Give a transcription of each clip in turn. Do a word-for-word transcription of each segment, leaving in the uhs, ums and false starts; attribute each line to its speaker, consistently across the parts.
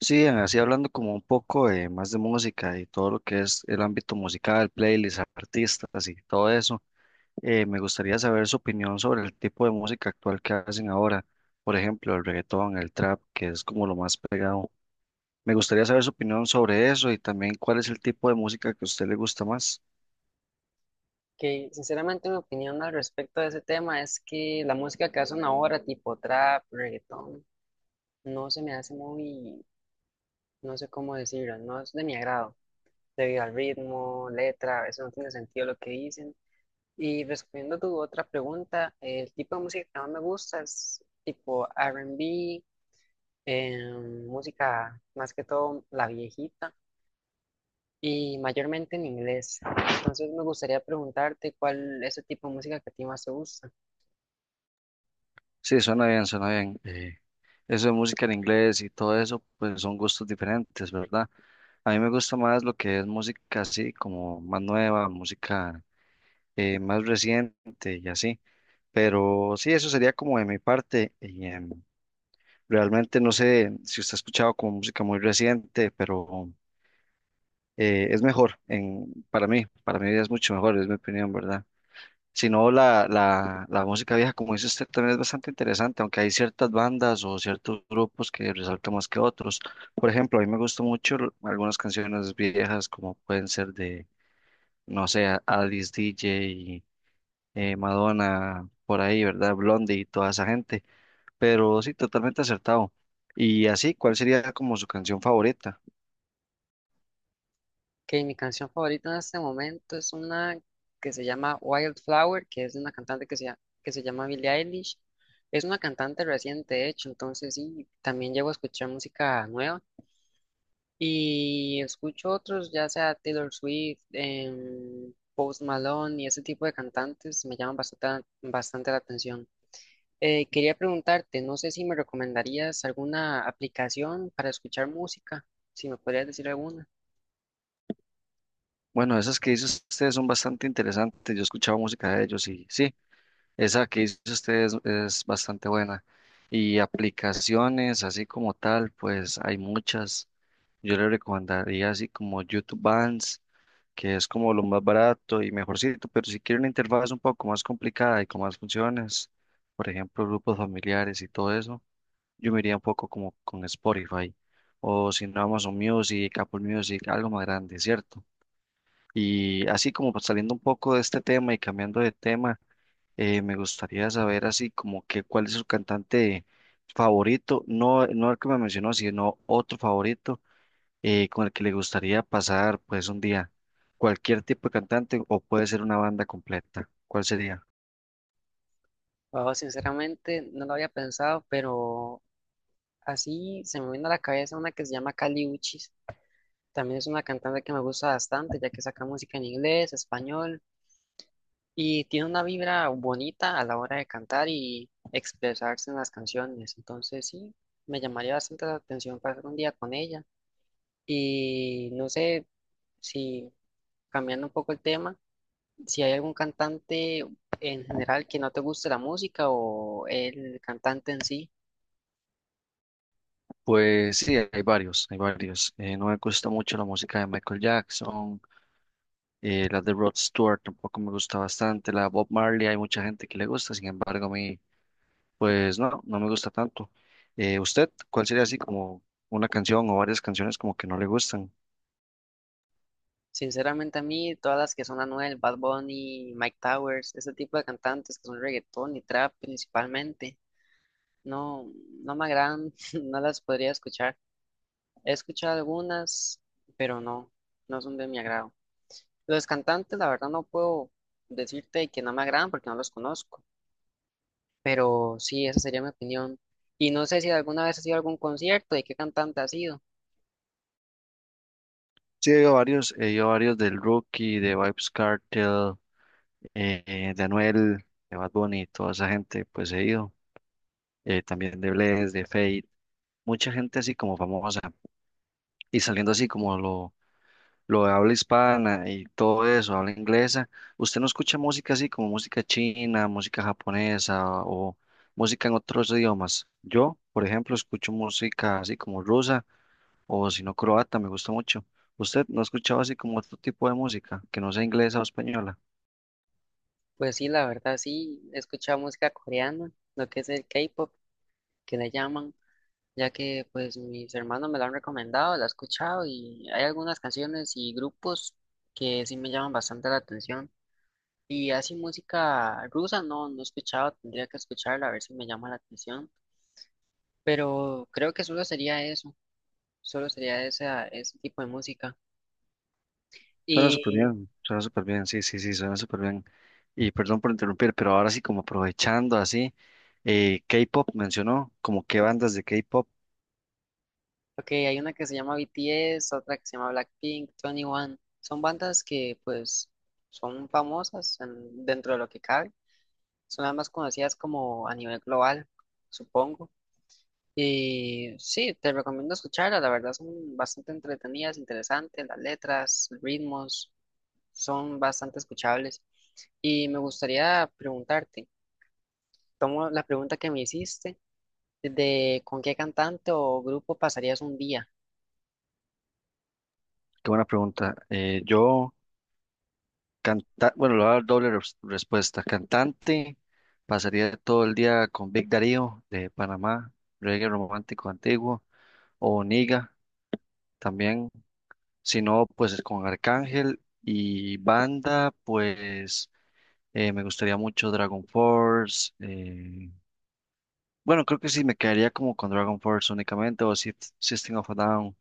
Speaker 1: Sí, así hablando como un poco eh, más de música y todo lo que es el ámbito musical, playlists, artistas y todo eso, eh, me gustaría saber su opinión sobre el tipo de música actual que hacen ahora, por ejemplo, el reggaetón, el trap, que es como lo más pegado. Me gustaría saber su opinión sobre eso y también cuál es el tipo de música que a usted le gusta más.
Speaker 2: Que sinceramente mi opinión al respecto de ese tema es que la música que hacen ahora, tipo trap, reggaetón, no se me hace muy, no sé cómo decirlo, no es de mi agrado, debido al ritmo, letra, a veces no tiene sentido lo que dicen. Y respondiendo a tu otra pregunta, el tipo de música que más me gusta es tipo R y B, em, música más que todo la viejita y mayormente en inglés. Entonces me gustaría preguntarte cuál es el tipo de música que a ti más te gusta.
Speaker 1: Sí, suena bien, suena bien. Eh, eso de música en inglés y todo eso, pues son gustos diferentes, ¿verdad? A mí me gusta más lo que es música así, como más nueva, música eh, más reciente y así. Pero sí, eso sería como de mi parte. Y, em, realmente no sé si usted ha escuchado como música muy reciente, pero eh, es mejor en, para mí, para mí es mucho mejor, es mi opinión, ¿verdad? Si no, la, la, la música vieja, como dice usted, también es bastante interesante, aunque hay ciertas bandas o ciertos grupos que resaltan más que otros. Por ejemplo, a mí me gustan mucho l- algunas canciones viejas, como pueden ser de, no sé, Alice D J, eh, Madonna, por ahí, ¿verdad? Blondie y toda esa gente. Pero sí, totalmente acertado. Y así, ¿cuál sería como su canción favorita?
Speaker 2: Que mi canción favorita en este momento es una que se llama Wildflower, que es de una cantante que se, llama- que se llama Billie Eilish. Es una cantante reciente, de hecho, entonces sí, también llego a escuchar música nueva y escucho otros, ya sea Taylor Swift, em, Post Malone y ese tipo de cantantes me llaman bastante, bastante la atención. Eh, quería preguntarte, no sé si me recomendarías alguna aplicación para escuchar música, si me podrías decir alguna.
Speaker 1: Bueno, esas que dice usted son bastante interesantes. Yo he escuchado música de ellos y sí, esa que dice usted es, es bastante buena. Y aplicaciones, así como tal, pues hay muchas. Yo le recomendaría así como YouTube Bands, que es como lo más barato y mejorcito, pero si quiere una interfaz un poco más complicada y con más funciones, por ejemplo, grupos familiares y todo eso, yo me iría un poco como con Spotify o si no Amazon Music, Apple Music, algo más grande, ¿cierto? Y así como pues, saliendo un poco de este tema y cambiando de tema, eh, me gustaría saber así como que cuál es su cantante favorito, no, no el que me mencionó, sino otro favorito, eh, ¿con el que le gustaría pasar pues un día? ¿Cualquier tipo de cantante o puede ser una banda completa? ¿Cuál sería?
Speaker 2: Wow, sinceramente no lo había pensado, pero así se me viene a la cabeza una que se llama Kali Uchis. También es una cantante que me gusta bastante, ya que saca música en inglés, español, y tiene una vibra bonita a la hora de cantar y expresarse en las canciones. Entonces sí, me llamaría bastante la atención pasar un día con ella. Y no sé si, cambiando un poco el tema, si hay algún cantante en general que no te guste la música o el cantante en sí.
Speaker 1: Pues sí, hay varios, hay varios. Eh, no me gusta mucho la música de Michael Jackson, eh, la de Rod Stewart tampoco me gusta bastante, la de Bob Marley hay mucha gente que le gusta, sin embargo a mí pues no, no me gusta tanto. Eh, ¿usted cuál sería así como una canción o varias canciones como que no le gustan?
Speaker 2: Sinceramente a mí, todas las que son Anuel, Bad Bunny, Mike Towers, ese tipo de cantantes que son reggaetón y trap principalmente, no, no me agradan, no las podría escuchar. He escuchado algunas, pero no, no son de mi agrado. Los cantantes, la verdad, no puedo decirte que no me agradan porque no los conozco, pero sí, esa sería mi opinión. Y no sé si alguna vez has ido a algún concierto y qué cantante has sido.
Speaker 1: Sí, he oído varios, he oído varios del Rookie, de Vybz Kartel, eh, de Anuel, de Bad Bunny, toda esa gente, pues he ido, eh, también de Bless, de Fate, mucha gente así como famosa, y saliendo así como lo, lo de habla hispana y todo eso, habla inglesa, ¿usted no escucha música así como música china, música japonesa o música en otros idiomas? Yo, por ejemplo, escucho música así como rusa o si no croata, me gusta mucho. ¿Usted no ha escuchado así como otro tipo de música que no sea inglesa o española?
Speaker 2: Pues sí, la verdad, sí, he escuchado música coreana, lo que es el K-pop, que le llaman. Ya que pues mis hermanos me la han recomendado, la he escuchado y hay algunas canciones y grupos que sí me llaman bastante la atención. Y así música rusa no, no he escuchado, tendría que escucharla a ver si me llama la atención, pero creo que solo sería eso, solo sería esa, ese tipo de música.
Speaker 1: Suena súper
Speaker 2: Y,
Speaker 1: bien, suena súper bien, sí, sí, sí, suena súper bien. Y perdón por interrumpir, pero ahora sí, como aprovechando así, eh, K-pop mencionó, ¿como qué bandas de K-pop?
Speaker 2: ok, hay una que se llama B T S, otra que se llama Blackpink, Twenty One son bandas que pues son famosas en- dentro de lo que cabe. Son las más conocidas como a nivel global, supongo. Y sí, te recomiendo escucharlas, la verdad son bastante entretenidas, interesantes, las letras, ritmos, son bastante escuchables. Y me gustaría preguntarte, tomo la pregunta que me hiciste de con qué cantante o grupo pasarías un día.
Speaker 1: Qué buena pregunta. Eh, yo, canta, bueno, le voy a dar doble res- respuesta. Cantante, pasaría todo el día con Big Darío de Panamá, reggae romántico antiguo, o Niga también, si no, pues con Arcángel y banda, pues eh, me gustaría mucho Dragon Force. eh, Bueno, creo que sí me quedaría como con Dragon Force únicamente o Sys- System of a Down,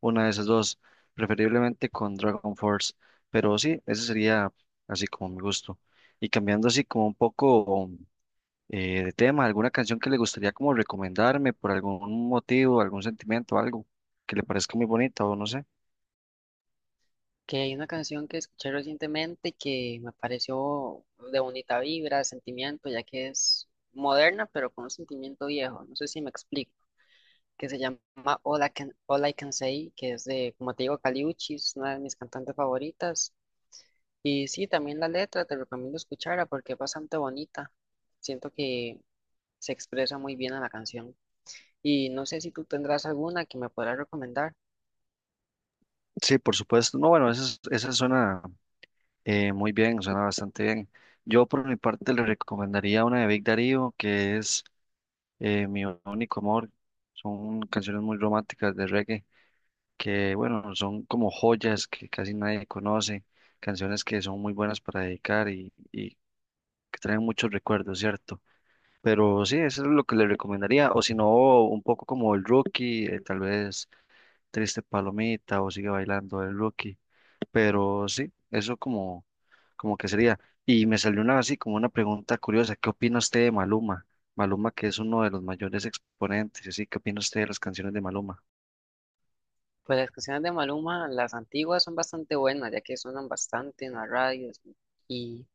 Speaker 1: una de esas dos, preferiblemente con Dragon Force, pero sí, ese sería así como mi gusto. Y cambiando así como un poco, eh, de tema, ¿alguna canción que le gustaría como recomendarme por algún motivo, algún sentimiento, algo que le parezca muy bonita o no sé?
Speaker 2: Que hay una canción que escuché recientemente que me pareció de bonita vibra, sentimiento, ya que es moderna, pero con un sentimiento viejo, no sé si me explico. Que se llama All I Can, All I Can Say, que es de, como te digo, Kali Uchi, es una de mis cantantes favoritas. Y sí, también la letra te recomiendo escucharla porque es bastante bonita. Siento que se expresa muy bien en la canción. Y no sé si tú tendrás alguna que me podrás recomendar.
Speaker 1: Sí, por supuesto. No, bueno, esa, es- esa suena eh, muy bien, suena bastante bien. Yo por mi parte le recomendaría una de Big Darío que es... eh, Mi único amor. Son canciones muy románticas de reggae que, bueno, son como joyas que casi nadie conoce, canciones que son muy buenas para dedicar y, y que traen muchos recuerdos, ¿cierto? Pero sí, eso es lo que le recomendaría. O si no, un poco como el Rookie, eh, tal vez Triste Palomita o Sigue Bailando el Rookie. Pero sí, eso como, como que sería. Y me salió una así como una pregunta curiosa, ¿qué opina usted de Maluma? Maluma que es uno de los mayores exponentes, y así, ¿qué opina usted de las canciones de Maluma?
Speaker 2: Pues las canciones de Maluma, las antiguas son bastante buenas, ya que suenan bastante en las radios y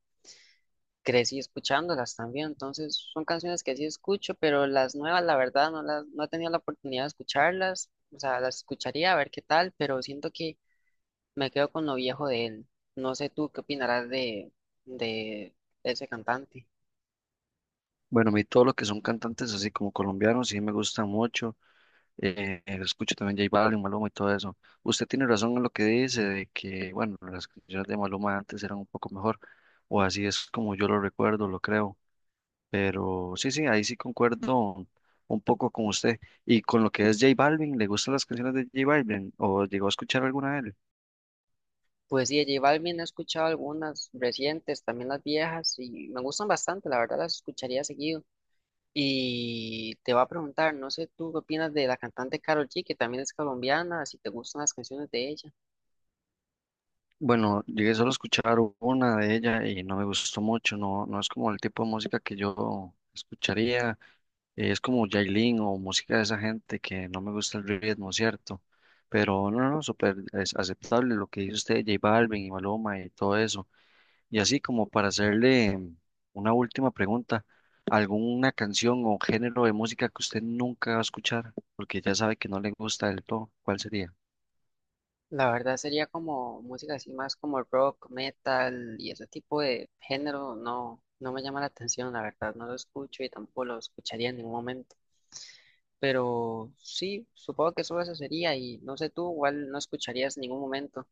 Speaker 2: crecí escuchándolas también, entonces son canciones que sí escucho, pero las nuevas, la verdad, no las, no he tenido la oportunidad de escucharlas, o sea, las escucharía a ver qué tal, pero siento que me quedo con lo viejo de él. No sé tú qué opinarás de, de ese cantante.
Speaker 1: Bueno, a mí todo lo que son cantantes así como colombianos, sí me gusta mucho, eh, eh, escucho también J Balvin, Maluma y todo eso. Usted tiene razón en lo que dice, de que, bueno, las canciones de Maluma antes eran un poco mejor, o así es como yo lo recuerdo, lo creo. Pero sí, sí, ahí sí concuerdo un poco con usted. Y con lo que es J Balvin, ¿le gustan las canciones de J Balvin? ¿O llegó a escuchar alguna de él?
Speaker 2: Pues sí, de J Balvin he escuchado algunas recientes, también las viejas, y me gustan bastante, la verdad las escucharía seguido. Y te va a preguntar, no sé tú qué opinas de la cantante Karol G, que también es colombiana, si te gustan las canciones de ella.
Speaker 1: Bueno, llegué solo a escuchar una de ella y no me gustó mucho. No, no es como el tipo de música que yo escucharía. Eh, es como Yailin o música de esa gente que no me gusta el ritmo, ¿cierto? Pero no, no, súper es aceptable lo que dice usted, J Balvin y Maluma y todo eso. Y así como para hacerle una última pregunta, ¿alguna canción o género de música que usted nunca va a escuchar? Porque ya sabe que no le gusta del todo, ¿cuál sería?
Speaker 2: La verdad sería como música así más como rock, metal y ese tipo de género no, no me llama la atención, la verdad, no lo escucho y tampoco lo escucharía en ningún momento. Pero sí, supongo que solo eso sería y no sé tú, igual no escucharías en ningún momento.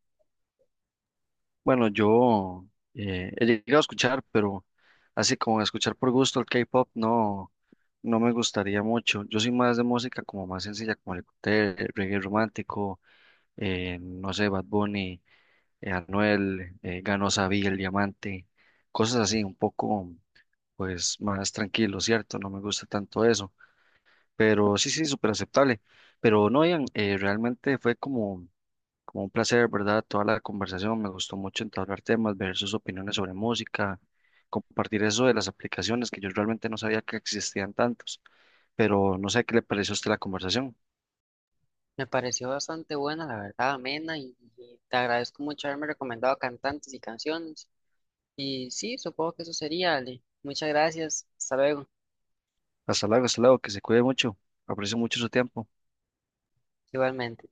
Speaker 1: Bueno, yo, eh, he llegado a escuchar, pero así como escuchar por gusto el K-pop, no, no me gustaría mucho. Yo soy más de música como más sencilla, como el, cóctel, el reggae romántico, eh, no sé, Bad Bunny, eh, Anuel, eh, Ganó Sabí, El Diamante, cosas así, un poco pues más tranquilo, ¿cierto? No me gusta tanto eso, pero sí, sí, súper aceptable. Pero no, Ian, eh, realmente fue como, como un placer, ¿verdad? Toda la conversación, me gustó mucho entablar temas, ver sus opiniones sobre música, compartir eso de las aplicaciones que yo realmente no sabía que existían tantos, pero no sé qué le pareció a usted la conversación.
Speaker 2: Me pareció bastante buena, la verdad, amena y, y te agradezco mucho haberme recomendado cantantes y canciones. Y sí, supongo que eso sería, Ale. Muchas gracias, hasta luego,
Speaker 1: Hasta luego, hasta luego, que se cuide mucho, aprecio mucho su tiempo.
Speaker 2: igualmente.